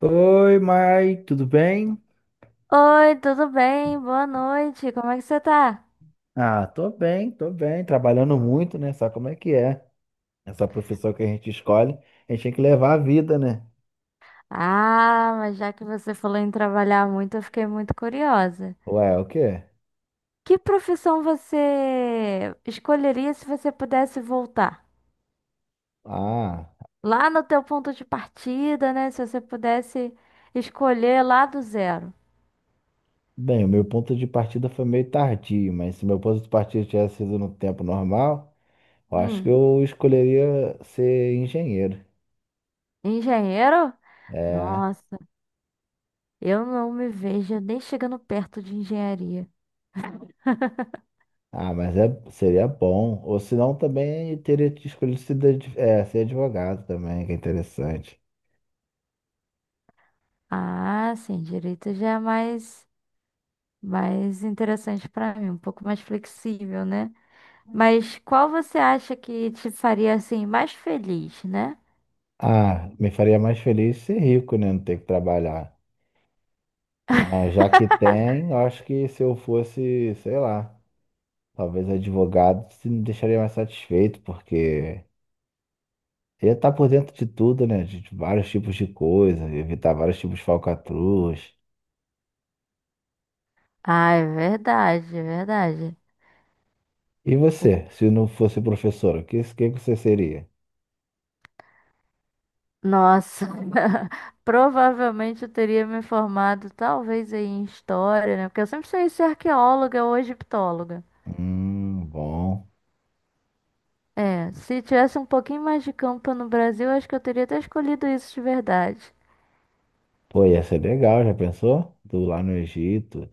Oi, Mai, tudo bem? Oi, tudo bem? Boa noite. Como é que você tá? Ah, tô bem, trabalhando muito, né? Sabe como é que é? Essa profissão que a gente escolhe, a gente tem que levar a vida, né? Ah, mas já que você falou em trabalhar muito, eu fiquei muito curiosa. Ué, o quê? Que profissão você escolheria se você pudesse voltar? Ah, Lá no teu ponto de partida, né? Se você pudesse escolher lá do zero. bem, o meu ponto de partida foi meio tardio, mas se meu ponto de partida tivesse sido no tempo normal, eu acho que Hum, eu escolheria ser engenheiro. engenheiro? É. Nossa, eu não me vejo nem chegando perto de engenharia. Ah, mas é, seria bom. Ou senão também teria escolhido ser advogado também, que é interessante. Ah, sim, direito já é mais mais interessante pra mim, um pouco mais flexível, né? Mas qual você acha que te faria assim mais feliz, né? Ah, me faria mais feliz ser rico, né? Não ter que trabalhar. Mas já que tem, eu acho que se eu fosse, sei lá, talvez advogado, se me deixaria mais satisfeito, porque ia estar por dentro de tudo, né? De vários tipos de coisa, evitar vários tipos de falcatruas. Ah, é verdade, é verdade. E O- você, se não fosse professor, o que, que você seria? Nossa, provavelmente eu teria me formado talvez aí em história, né? Porque eu sempre sonhei ser arqueóloga ou egiptóloga. Bom. É, se tivesse um pouquinho mais de campo no Brasil, acho que eu teria até escolhido isso de verdade. Pô, ia ser legal, já pensou? Tu lá no Egito,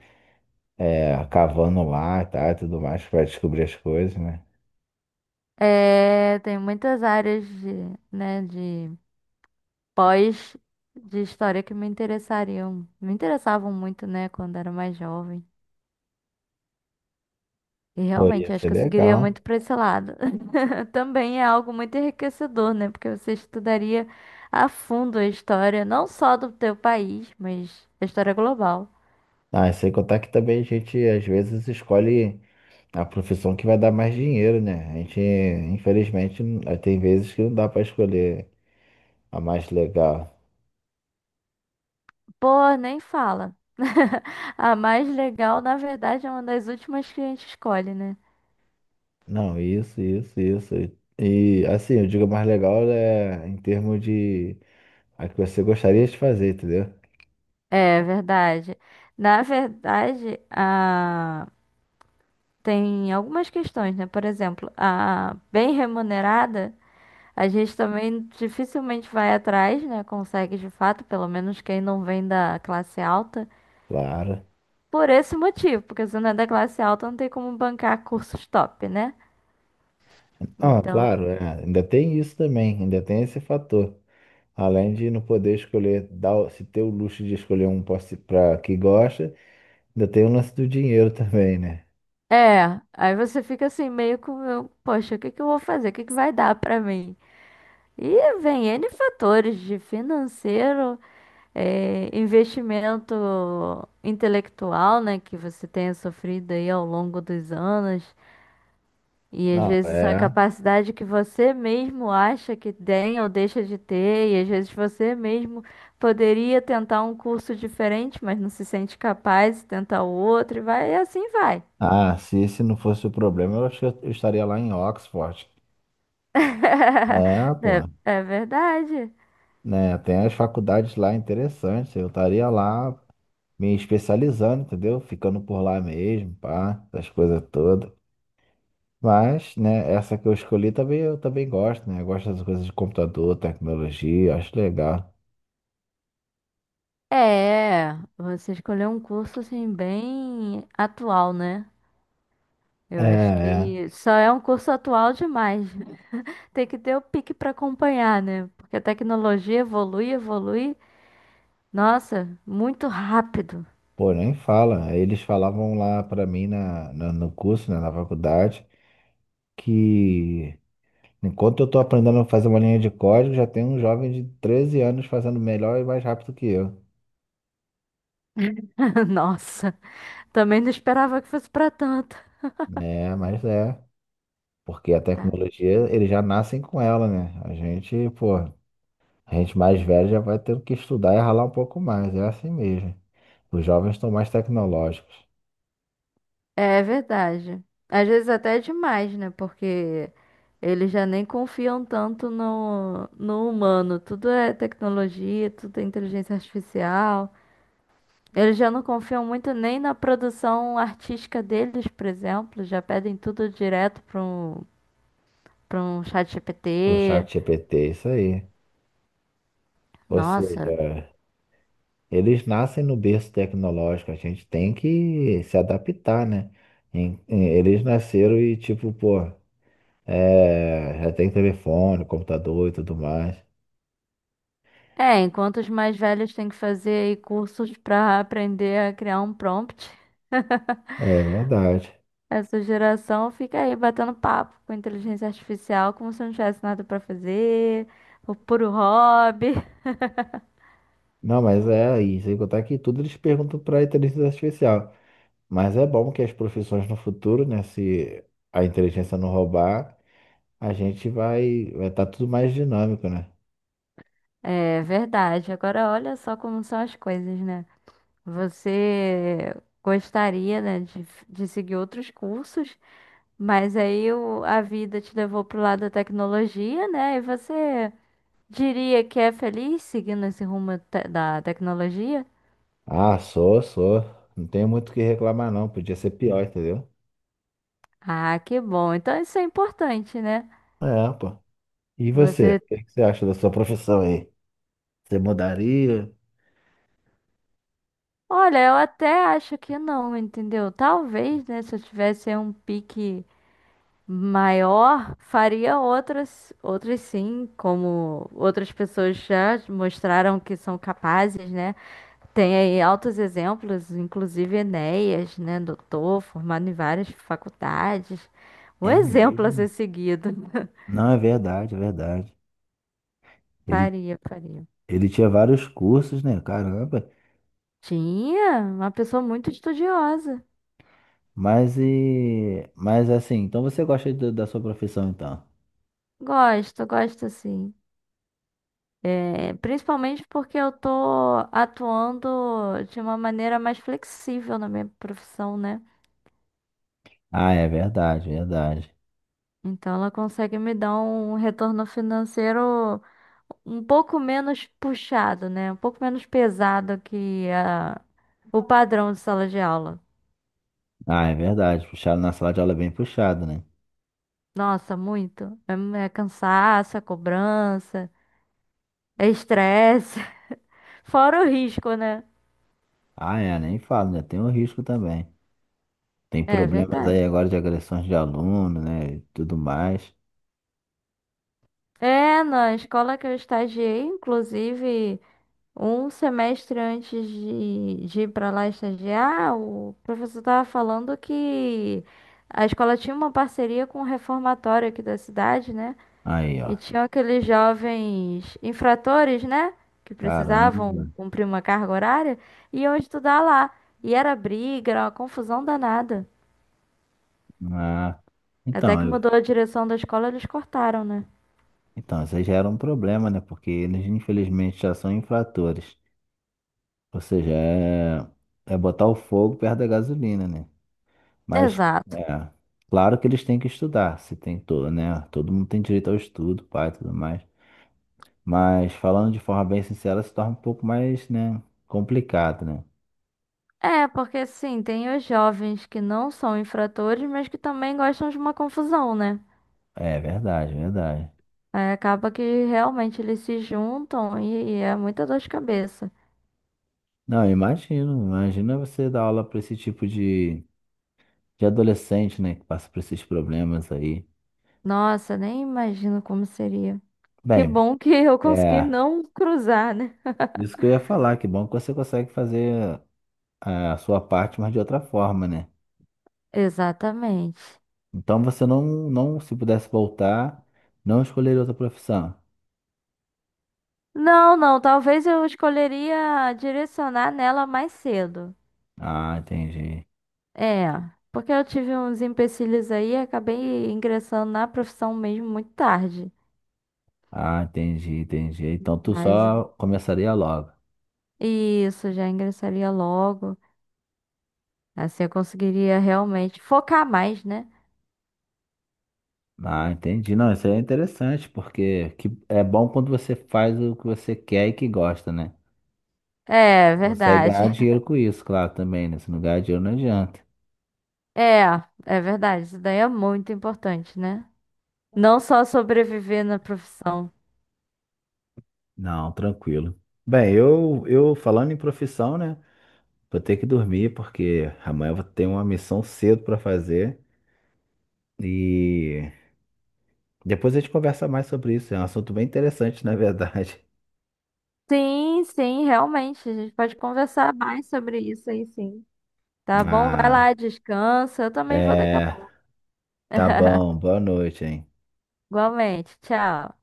é, cavando lá, tá, e tudo mais, para descobrir as coisas, né? É, tem muitas áreas né, de pós de história que me interessariam, me interessavam muito, né, quando era mais jovem. E Pô, ia realmente, acho ser que eu seguiria legal. muito para esse lado. Também é algo muito enriquecedor, né? Porque você estudaria a fundo a história, não só do teu país, mas a história global. Ah, sem contar que também a gente às vezes escolhe a profissão que vai dar mais dinheiro, né? A gente, infelizmente, tem vezes que não dá para escolher a mais legal. Pô, nem fala. A mais legal, na verdade, é uma das últimas que a gente escolhe, né? Não, isso, isso, isso. E assim, eu digo a mais legal é em termos de a que você gostaria de fazer, entendeu? É verdade. Na verdade, a tem algumas questões, né? Por exemplo, a bem remunerada, a gente também dificilmente vai atrás, né? Consegue de fato, pelo menos quem não vem da classe alta, Claro. por esse motivo, porque se não é da classe alta, não tem como bancar cursos top, né? Ah, Então, claro, é. Ainda tem isso também, ainda tem esse fator. Além de não poder escolher, se ter o luxo de escolher um para que gosta, ainda tem o lance do dinheiro também, né? é, aí você fica assim, meio com, poxa, o que que eu vou fazer? O que que vai dar pra mim? E vem N fatores de financeiro é, investimento intelectual, né, que você tenha sofrido aí ao longo dos anos, e às Não, vezes a é. capacidade que você mesmo acha que tem ou deixa de ter, e às vezes você mesmo poderia tentar um curso diferente, mas não se sente capaz, de tentar o outro, e vai, e assim vai. Ah, se esse não fosse o problema, eu acho que eu estaria lá em Oxford. É, pô. É, é verdade. Né, tem as faculdades lá interessantes. Eu estaria lá me especializando, entendeu? Ficando por lá mesmo, pá, essas coisas todas. Mas, né, essa que eu escolhi também eu também gosto, né? Eu gosto das coisas de computador, tecnologia, acho legal. É, você escolheu um curso assim bem atual, né? É, Eu acho é. que só é um curso atual demais. Tem que ter o pique para acompanhar, né? Porque a tecnologia evolui, evolui. Nossa, muito rápido. Pô, nem fala. Eles falavam lá pra mim no curso, né, na faculdade, que enquanto eu estou aprendendo a fazer uma linha de código, já tem um jovem de 13 anos fazendo melhor e mais rápido que eu. Nossa, também não esperava que fosse para tanto. É, mas é. Porque a É tecnologia, eles já nascem com ela, né? A gente, pô, a gente mais velho já vai ter que estudar e ralar um pouco mais. É assim mesmo. Os jovens estão mais tecnológicos. é verdade. Às vezes até é demais, né? Porque eles já nem confiam tanto no humano. Tudo é tecnologia, tudo é inteligência artificial. Eles já não confiam muito nem na produção artística deles, por exemplo. Já pedem tudo direto para um chat O chat GPT. GPT, isso aí. Ou Nossa. seja, eles nascem no berço tecnológico. A gente tem que se adaptar, né? Eles nasceram e, tipo, pô. É, já tem telefone, computador e tudo mais. É, enquanto os mais velhos têm que fazer aí cursos para aprender a criar um prompt, É verdade. essa geração fica aí batendo papo com inteligência artificial como se não tivesse nada para fazer, o puro hobby. Não, mas é aí, sem contar que tudo eles perguntam para a inteligência artificial. Mas é bom que as profissões no futuro, né, se a inteligência não roubar, a gente vai estar tudo mais dinâmico, né? É verdade. Agora olha só como são as coisas, né? Você gostaria, né, de seguir outros cursos, mas aí a vida te levou pro lado da tecnologia, né? E você diria que é feliz seguindo esse rumo da tecnologia? Ah, sou, sou. Não tenho muito o que reclamar, não. Podia ser pior, entendeu? Ah, que bom. Então isso é importante, né? É, pô. E você? Você. O que que você acha da sua profissão aí? Você mudaria? Olha, eu até acho que não, entendeu? Talvez, né? Se eu tivesse um pique maior, faria outras, outras sim, como outras pessoas já mostraram que são capazes, né? Tem aí altos exemplos, inclusive Enéas, né? Doutor, formado em várias faculdades. Um É exemplo a mesmo? ser seguido. Não, é verdade, é verdade. Ele Faria, faria. ele tinha vários cursos, né? Caramba. Tinha uma pessoa muito estudiosa. Mas e. Mas assim, então você gosta do- da sua profissão, então? Gosto, gosto sim. É, principalmente porque eu tô atuando de uma maneira mais flexível na minha profissão, né? Ah, é verdade, verdade. Então ela consegue me dar um retorno financeiro um pouco menos puxado, né? Um pouco menos pesado que o padrão de sala de aula. Ah, é verdade. Puxado na sala de aula é bem puxado, né? Nossa, muito. É, é cansaço, é cobrança, é estresse, fora o risco, né? Ah, é, nem falo, né? Tem o risco também. Tem É problemas verdade. aí agora de agressões de aluno, né? E tudo mais. É, na escola que eu estagiei, inclusive, um semestre antes de ir para lá estagiar, o professor estava falando que a escola tinha uma parceria com o reformatório aqui da cidade, né? Aí, E ó. tinham aqueles jovens infratores, né? Que Caramba. precisavam cumprir uma carga horária, e iam estudar lá. E era briga, era uma confusão danada. Ah. Até Então, que eu- mudou a direção da escola, eles cortaram, né? então, isso aí já era um problema, né? Porque eles, infelizmente, já são infratores. Ou seja, é, é botar o fogo perto da gasolina, né? Mas, Exato. é, claro que eles têm que estudar, se tem todo, né? Todo mundo tem direito ao estudo, pai, e tudo mais. Mas falando de forma bem sincera, se torna um pouco mais, né, complicado, né? É, porque sim, tem os jovens que não são infratores, mas que também gostam de uma confusão, né? É verdade, verdade. Aí acaba que realmente eles se juntam e é muita dor de cabeça. Não, eu imagino, imagina você dar aula para esse tipo de adolescente, né, que passa por esses problemas aí. Nossa, nem imagino como seria. Que Bem, bom que eu consegui é, não cruzar, né? isso que eu ia falar, que bom que você consegue fazer a sua parte, mas de outra forma, né? Exatamente. Então você não, não, se pudesse voltar, não escolheria outra profissão. Não, não, talvez eu escolheria direcionar nela mais cedo. Ah, entendi. É, porque eu tive uns empecilhos aí e acabei ingressando na profissão mesmo muito tarde. Ah, entendi, entendi. Então tu Mas só começaria logo. isso, já ingressaria logo. Assim eu conseguiria realmente focar mais, né? Ah, entendi. Não, isso é interessante, porque que é bom quando você faz o que você quer e que gosta, né? É, Consegue verdade. ganhar dinheiro com isso, claro, também, né? Se não ganhar dinheiro, não adianta. É, é verdade. Isso daí é muito importante, né? Não só sobreviver na profissão. Não, tranquilo. Bem, eu falando em profissão, né? Vou ter que dormir, porque amanhã eu vou ter uma missão cedo para fazer. E depois a gente conversa mais sobre isso. É um assunto bem interessante, na verdade. Sim, sim, realmente. A gente pode conversar mais sobre isso aí, sim. Tá bom? Vai Ah. lá, descansa. Eu também vou daqui a É, pouco. tá bom, boa noite, hein? Igualmente. Tchau.